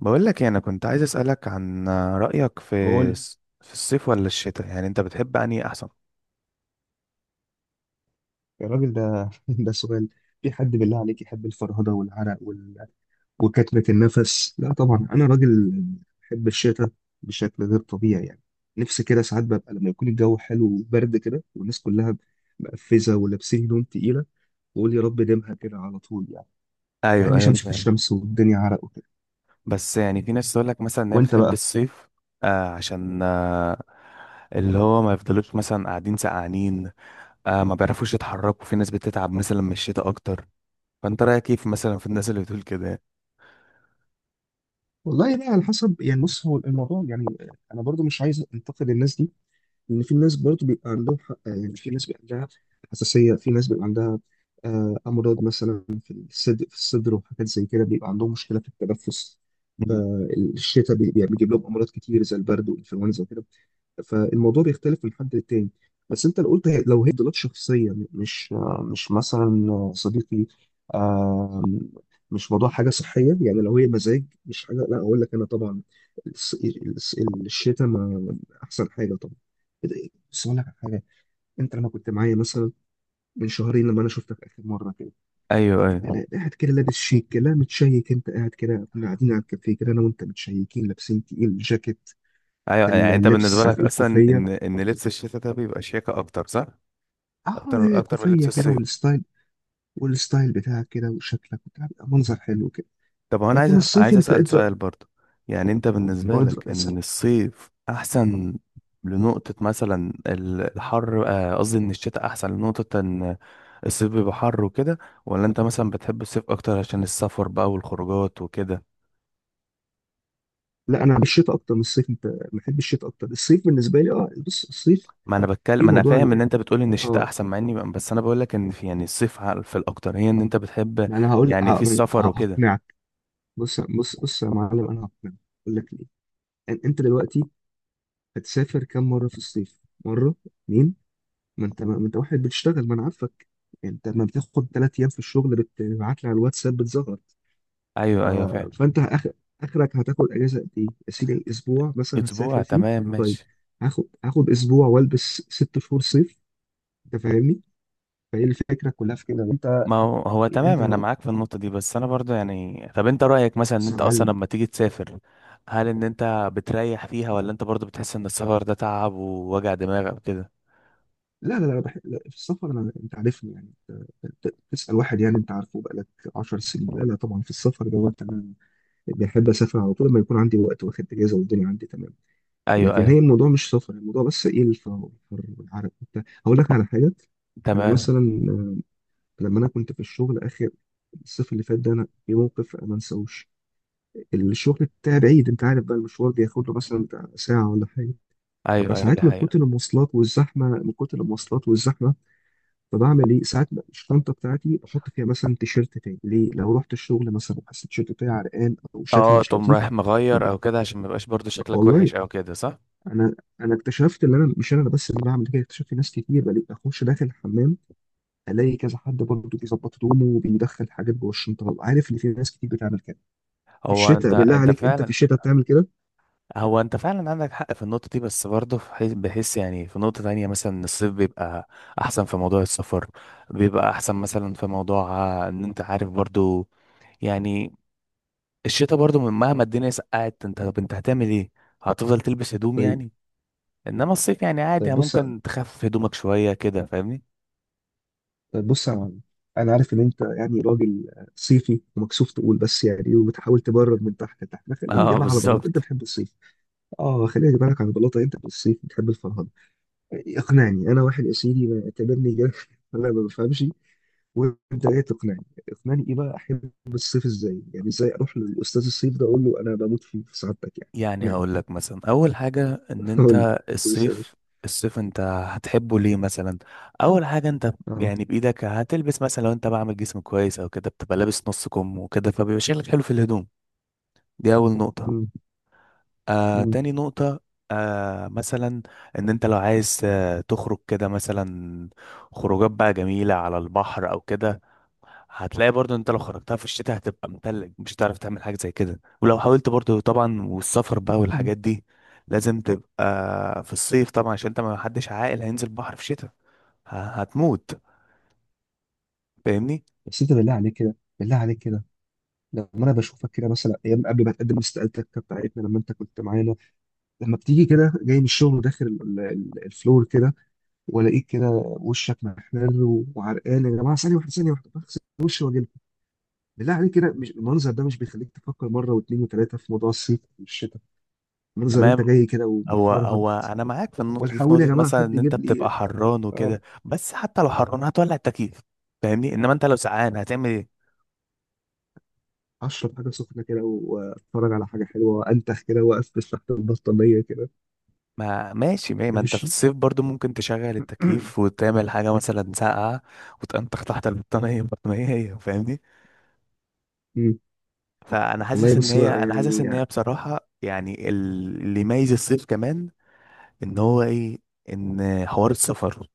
بقول لك إيه، انا كنت عايز اسالك عن رايك في قول. الصيف ولا الشتاء، يعني انت بتحب انهي احسن؟ يا راجل، ده ده سؤال. في حد بالله عليك يحب الفرهدة والعرق وكتمة النفس؟ لا طبعا، أنا راجل بحب الشتاء بشكل غير طبيعي يعني. نفسي كده ساعات ببقى لما يكون الجو حلو وبرد كده، والناس كلها مقفزة ولابسين هدوم تقيلة، وأقول يا رب ديمها كده على طول يعني. ما ايوه بحبش ايوه، أمشي في فاهم. الشمس والدنيا عرق وكده. بس يعني في ناس تقول لك مثلا ان هي وأنت بتحب بقى؟ الصيف. عشان اللي هو ما يفضلوش مثلا قاعدين سقعانين، ما بيعرفوش يتحركوا. في ناس بتتعب مثلا من الشتاء اكتر. فانت رايك كيف مثلا في الناس اللي بتقول كده يعني؟ والله بقى على حسب يعني، بص هو الموضوع يعني، أنا برضو مش عايز أنتقد الناس دي، لان في ناس برضه بيبقى عندهم حق. يعني في ناس بيبقى عندها حساسيه، في ناس بيبقى عندها امراض مثلا في الصدر وحاجات زي كده بيبقى عندهم مشكله في التنفس. مم. فالشتاء بيجيب لهم امراض كتير زي البرد والانفلونزا وكده. فالموضوع بيختلف من حد للتاني. بس انت لو قلت لو هي تفضيلات شخصيه، مش مثلا صديقي، آه، مش موضوع حاجه صحيه يعني، لو هي مزاج مش حاجه، لا اقول لك انا طبعا الشتاء ما احسن حاجه طبعا. بس اقول لك على حاجه، انت لما كنت معايا مثلا من شهرين، لما انا شفتك اخر مره كده، ايوه ايوه قاعد كده لابس شيك كده متشيك، انت قاعد كده، كنا قاعدين على الكافيه كده انا وانت، متشيكين لابسين تقيل جاكيت. ايوه. يعني انت بالنسبه اللبس، عارف لك ايه؟ اصلا الكوفيه، ان لبس الشتاء ده بيبقى شياكه اكتر، صح؟ اه اكتر اكتر من لبس كوفيه كده، الصيف. والستايل بتاعك كده، وشكلك بتاع، بيبقى منظر حلو كده. طب هو انا عايز لكن الصيف عايز انت اسال اضرب سؤال برضه. يعني انت بالنسبه واضرب لك اسال. ان الصيف احسن لنقطه مثلا الحر، قصدي ان الشتاء احسن لنقطه ان الصيف بيبقى حر وكده، ولا انت مثلا بتحب الصيف اكتر عشان السفر بقى والخروجات وكده؟ لا، انا بالشتاء اكتر من الصيف. انت بحب الشتاء اكتر. الصيف بالنسبه لي اه، بص الصيف ما انا بتكلم، في ما انا موضوع فاهم ان انت بتقول ان الشتاء اه احسن، مع اني بس انا بقول لك ان في يعني الصيف في الاكتر هي ان انت بتحب. ما انا هقول يعني في ه- ما أنا السفر ه- وكده. هقنعك. بص بص بص يا معلم، انا هقنعك. اقول لك ليه. انت دلوقتي هتسافر كم مره في الصيف؟ مره، اتنين. ما انت واحد بتشتغل، ما انا عارفك. انت ما بتاخد 3 ايام في الشغل بتبعت لي على الواتساب بتزغر. ايوه ف... ايوه، فعلا. فانت آخر... اخرك هتاخد اجازه قد ايه يا سيدي؟ اسبوع مثلا اسبوع، هتسافر فيه. تمام طيب، ماشي. هاخد اسبوع والبس 6 شهور صيف، انت فاهمني؟ فهي الفكره كلها في كده. انت. ما هو تمام، انت انا لما معاك في النقطه دي. بس انا برضو يعني، طب انت رايك مثلا ان بص يا انت اصلا معلم. لما تيجي تسافر، هل ان انت بتريح فيها، ولا انت برضو بتحس ان السفر ده تعب ووجع دماغ او كده؟ لا لا لا, لا، في السفر انا، انت عارفني يعني، انت تسال واحد يعني انت عارفه بقالك 10 سنين؟ لا لا طبعا، في السفر دوت انا بحب اسافر على طول لما يكون عندي وقت واخد اجازه والدنيا عندي تمام. ايوه لكن هي ايوه، الموضوع مش سفر، الموضوع بس ايه، الفر الفر والعرق وبتاع. هقول لك على حاجه، انا تمام. مثلا لما انا كنت في الشغل اخر الصيف اللي فات ده، انا في موقف ما انساهوش. الشغل بتاعي بعيد، انت عارف بقى، المشوار بياخد له مثلا بتاع ساعه ولا حاجه. ايوه ايوه، دي فساعات من حقيقه. كتر المواصلات والزحمه من كتر المواصلات والزحمه فبعمل ايه ساعات بقى، الشنطه بتاعتي بحط فيها مثلا تيشيرت تاني ليه؟ لو رحت الشغل مثلا وحسيت التيشيرت بتاعي عرقان او شكلي اه، مش تقوم لطيف رايح ما مغير او بحط. كده عشان ما يبقاش برضو شكلك والله وحش او كده، صح؟ انا انا اكتشفت ان انا مش انا بس اللي بعمل كده. اكتشفت ناس كتير. بلاقي اخش داخل الحمام الاقي كذا حد برضه بيظبط هدومه وبيدخل حاجات جوه الشنطه. ببقى عارف ان في ناس كتير بتعمل كده. في هو انت الشتاء بالله عليك، انت في فعلا. الشتاء بتعمل كده؟ هو انت فعلا عندك حق في النقطة دي، بس برضه في بحس يعني في نقطة تانية مثلا إن الصيف بيبقى احسن في موضوع السفر، بيبقى احسن مثلا في موضوع، ان انت عارف برضه يعني، الشتاء برضه مهما الدنيا سقعت، انت طب انت هتعمل ايه؟ هتفضل تلبس هدوم طيب. يعني. انما الصيف يعني طيب عادي، بص، ممكن تخفف هدومك شوية كده، فاهمني؟ طيب بص يا معلم، انا عارف ان انت يعني راجل صيفي ومكسوف تقول، بس يعني إيه، وبتحاول تبرر من تحت لتحت. ما خلينا اه، نجيبها على بلاطه، انت بالظبط. بتحب الصيف. اه، خلينا نجيبها لك على بلاطه، انت في الصيف بتحب الفرهده. اقنعني انا، واحد يا سيدي ما اعتبرني جاهل، انا ما بفهمش، وانت جاي تقنعني. اقنعني ايه بقى، احب الصيف ازاي يعني؟ ازاي اروح للاستاذ الصيف ده اقول له انا بموت فيه في سعادتك يعني؟ يعني اقنعني. هقول لك مثلا اول حاجه ان قول لي، انت بص يا باشا. الصيف. الصيف انت هتحبه ليه مثلا؟ اول حاجه، انت اه. يعني بايدك هتلبس مثلا، لو انت بعمل جسم كويس او كده بتبقى لابس نص كم وكده، فبيبقى شكلك حلو في الهدوم. دي اول مم. نقطه. تاني نقطه، مثلا ان انت لو عايز تخرج كده مثلا خروجات بقى جميله على البحر او كده، هتلاقي برضو انت لو خرجتها في الشتاء هتبقى متلج، مش هتعرف تعمل حاجة زي كده، ولو حاولت برضو طبعا. والسفر بقى مم. والحاجات دي لازم تبقى في الصيف طبعا، عشان انت ما حدش عاقل هينزل بحر في شتاء، هتموت. فاهمني؟ بس انت بالله عليك كده، بالله عليك كده، لما انا بشوفك كده مثلا ايام قبل ما تقدم استقالتك بتاعتنا، لما انت كنت معانا، لما بتيجي كده جاي من الشغل وداخل الفلور كده، والاقيك كده وشك محمر و- وعرقان. يا جماعه، ثانيه واحده ثانيه واحده، بغسل وشي واجي لكم. بالله عليك كده، مش المنظر ده مش بيخليك تفكر مره واثنين وثلاثه في موضوع الصيف والشتاء؟ المنظر انت تمام. جاي كده هو ومفرهد انا معاك في النقطة دي، في والحقوني يا نقطة جماعه مثلا حد ان انت يجيب لي بتبقى حران آه، وكده، بس حتى لو حران هتولع التكييف، فاهمني؟ انما انت لو سقعان هتعمل ايه؟ اشرب حاجه سخنه كده و- واتفرج على حاجه حلوه وانتخ كده واقفز تحت البطانيه كده. ما ماشي، ما ده ما انت في مش الصيف برضو ممكن تشغل التكييف وتعمل حاجة مثلا ساقعة وتنطخ تحت البطانية. البطانية هي، فاهمني؟ مم. فانا والله حاسس ان بص هي، بقى يعني، بصراحه يعني اللي يميز الصيف كمان ان هو ايه، ان حوار السفر،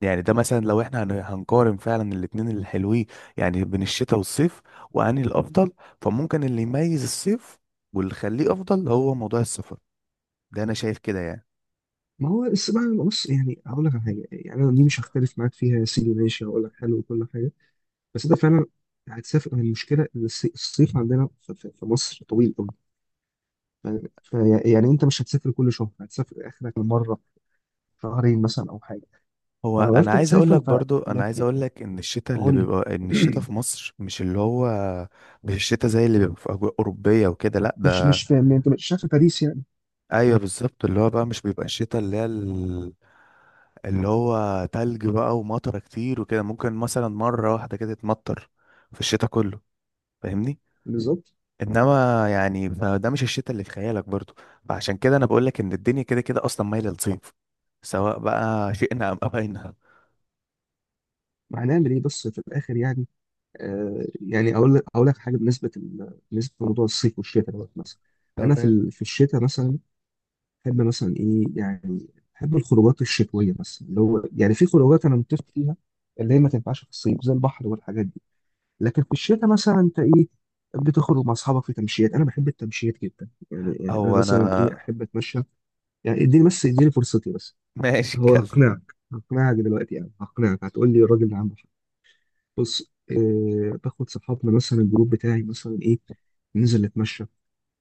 يعني ده مثلا لو احنا هنقارن فعلا الاتنين الحلوين يعني، بين الشتاء والصيف، واني الافضل، فممكن اللي يميز الصيف واللي يخليه افضل هو موضوع السفر. ده انا شايف كده يعني. ما هو بس بقى بص يعني، هقول لك على حاجه يعني، انا دي مش هختلف معاك فيها يا سيدي، ماشي، هقول لك حلو وكل حاجه. بس انت فعلا هتسافر. المشكله إن الصيف عندنا في مصر طويل قوي. فيعني انت مش هتسافر كل شهر، هتسافر اخرك مره شهرين مثلا او حاجه. هو فلو انا عرفت عايز اقول تسافر لك برضو، انا عايز لكن اقول لك ان الشتاء اللي قول لي. بيبقى، ان الشتاء في مصر مش اللي هو، مش الشتاء زي اللي بيبقى في اجواء اوروبيه وكده، لا مش ده. في، انت مش شايف باريس يعني؟ ايوه بالظبط، اللي هو بقى مش بيبقى الشتاء اللي هي اللي هو تلج بقى ومطره كتير وكده. ممكن مثلا مره واحده كده تمطر في الشتاء كله، فاهمني؟ بالظبط. انما يعني فده مش الشتاء اللي في خيالك برضو، فعشان كده انا بقول لك ان الدنيا كده كده اصلا مايله للصيف، سواء بقى شئنا ام ابينا. ما هنعمل ايه بس في الاخر يعني. يعني اقول لك حاجه بالنسبه لموضوع الصيف والشتاء دوت مثلا. انا طب في إيه؟ ال- في الشتاء مثلا بحب مثلا ايه يعني، بحب الخروجات الشتويه مثلا، اللي هو يعني في خروجات انا متفق فيها اللي هي ما تنفعش في الصيف زي البحر والحاجات دي. لكن في الشتاء مثلا انت ايه، بتخرج مع اصحابك في تمشيات. انا بحب التمشيات جدا يعني انا او انا. مثلا ايه، احب اتمشى يعني. اديني بس، اديني فرصتي بس. ماشي، هو اتكلم. هقنعك دلوقتي يعني، هقنعك. هتقول لي الراجل ده عنده. بص باخد صحابنا مثلا، الجروب بتاعي مثلا ايه، ننزل نتمشى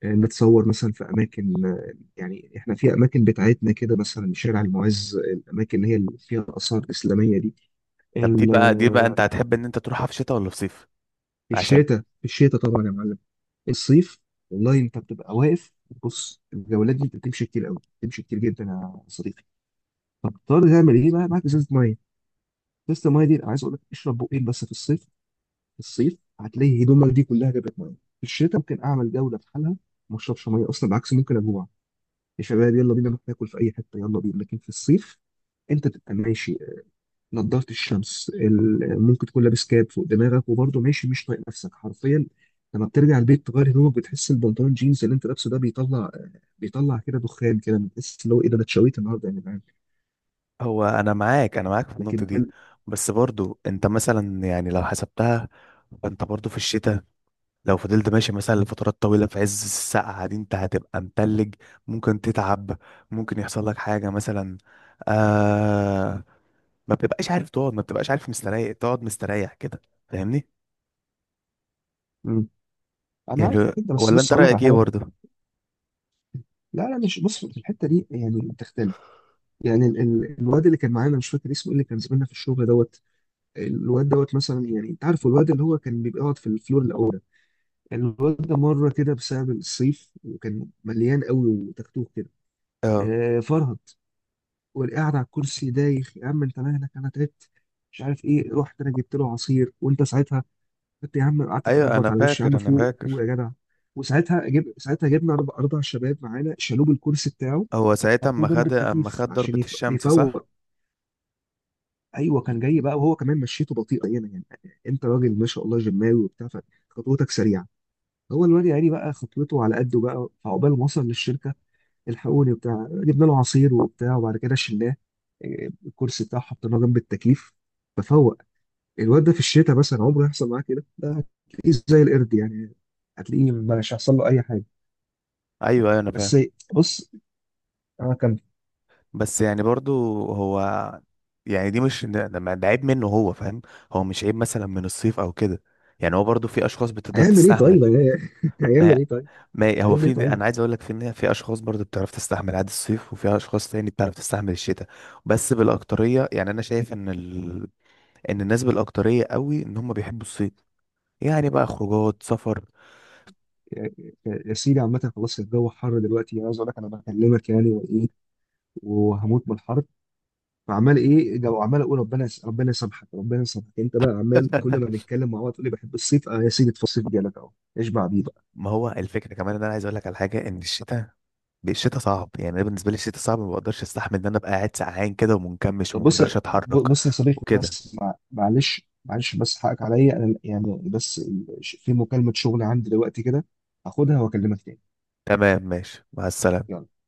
نتصور مثلا في اماكن، يعني احنا في اماكن بتاعتنا كده مثلا شارع المعز، الاماكن اللي هي اللي فيها اثار اسلاميه دي. طب دي ال- بقى، آه، انت هتحب ان انت تروحها في شتاء ولا في صيف؟ في عشان الشتاء، في الشتاء طبعا يا معلم. الصيف والله انت بتبقى واقف. بص الجولات دي انت بتمشي كتير قوي، بتمشي كتير جدا يا صديقي. فبتضطر تعمل ايه بقى، معاك ازازه ميه. ازازه الميه دي انا عايز اقول لك اشرب بقين بس في الصيف. في الصيف هتلاقي هدومك دي كلها جابت ميه. في الشتاء ممكن اعمل جوله في حالها، ما اشربش ميه اصلا. بالعكس ممكن اجوع، يا شباب يلا بينا نروح ناكل في اي حته يلا بينا. لكن في الصيف انت تبقى ماشي، نضاره الشمس، ممكن تكون لابس كاب فوق دماغك وبرضه ماشي مش طايق نفسك حرفيا. لما بترجع البيت تغير هدومك، بتحس البنطلون جينز اللي انت لابسه ده بيطلع كده دخان كده. بتحس اللي هو ايه، ده انا اتشويت النهارده يا جدعان. هو انا معاك، في النقطه لكن دي، بس برضو انت مثلا يعني لو حسبتها، فانت برضو في الشتاء لو فضلت ماشي مثلا لفترات طويله في عز السقعه دي انت هتبقى متلج، ممكن تتعب، ممكن يحصل لك حاجه مثلا، آه ما بتبقاش عارف تقعد، ما بتبقاش عارف مستريح، تقعد مستريح كده، فاهمني؟ مم. انا عارف يعني كده، بس ولا بص انت هقول لك على رايك ايه حاجه. برضو؟ لا لا، مش بص، في الحته دي يعني بتختلف. يعني الواد اللي كان معانا، مش فاكر اسمه إيه، اللي كان زميلنا في الشغل دوت، الواد دوت مثلا، يعني انت عارف الواد اللي هو كان بيبقى يقعد في الفلور الاول ده. الواد ده مره كده بسبب الصيف وكان مليان قوي وتكتوك كده اه، فرهد. والقعد على الكرسي دايخ، يا عم انت مالك؟ انا تعبت مش عارف ايه، رحت انا جبت له عصير، وانت ساعتها قلت يا عم، قعدت ايوه تخبط انا على وشي، يا فاكر عم انا فوق فوق فاكر. يا جدع. وساعتها جب ساعتها جبنا اربع شباب معانا شالوه بالكرسي بتاعه، هو ساعتها اما حطوه جنب خد، التكييف عشان ضربه يف- الشمس، صح؟ يفوق ايوه، كان جاي بقى وهو كمان مشيته بطيئه يعني, يعني انت راجل ما شاء الله جماوي وبتاع، فخطوتك سريعه. هو الواد يعني بقى خطوته على قده بقى، فعقبال ما وصل للشركه، الحقوني وبتاع، جبنا له عصير وبتاع، وبعد كده شلناه، الكرسي بتاعه حطيناه جنب التكييف ففوق. الواد ده في الشتاء مثلا عمره يحصل معاه كده؟ ده هتلاقيه زي القرد يعني، هتلاقيه مش هيحصل له اي حاجه. ايوه ايوه، انا فاهم. بس بص انا كان بس يعني برضو هو، يعني دي مش ده عيب منه هو فاهم، هو مش عيب مثلا من الصيف او كده، يعني هو برضو في اشخاص بتقدر هيعمل ايه طيب. تستحمل. ما هيعمل هي، ايه طيب؟ ما هو هيعمل في، ايه طيب؟ انا عايز اقول لك في ان في اشخاص برضو بتعرف تستحمل عادي الصيف، وفي اشخاص تاني بتعرف تستحمل الشتاء. بس بالاكتريه يعني انا شايف ان ال... ان الناس بالاكتريه قوي ان هم بيحبوا الصيف، يعني بقى خروجات، سفر. يا يا سيدي عامة خلاص الجو حر دلوقتي، انا عايز اقول لك انا بكلمك يعني وايه، وهموت من الحر. فعمال ايه جو، عمال اقول ربنا يسامحك، ربنا يسامحك. انت بقى عمال كل ما نتكلم مع بعض تقول لي بحب الصيف. اه يا سيدي، في الصيف جالك اهو، اشبع بيه بقى. ما هو الفكره كمان ان انا عايز اقول لك على حاجه، ان الشتاء، الشتاء صعب، يعني انا بالنسبه لي الشتاء صعب، ما بقدرش استحمل ان انا ابقى قاعد سقعان كده ومنكمش طب وما بص، بقدرش اتحرك. بص يا صديقي، وكده، بس معلش معلش، بس حقك عليا انا يعني، بس في مكالمة شغل عندي دلوقتي كده، هاخدها واكلمك تاني. تمام ماشي، مع السلامه. يلا.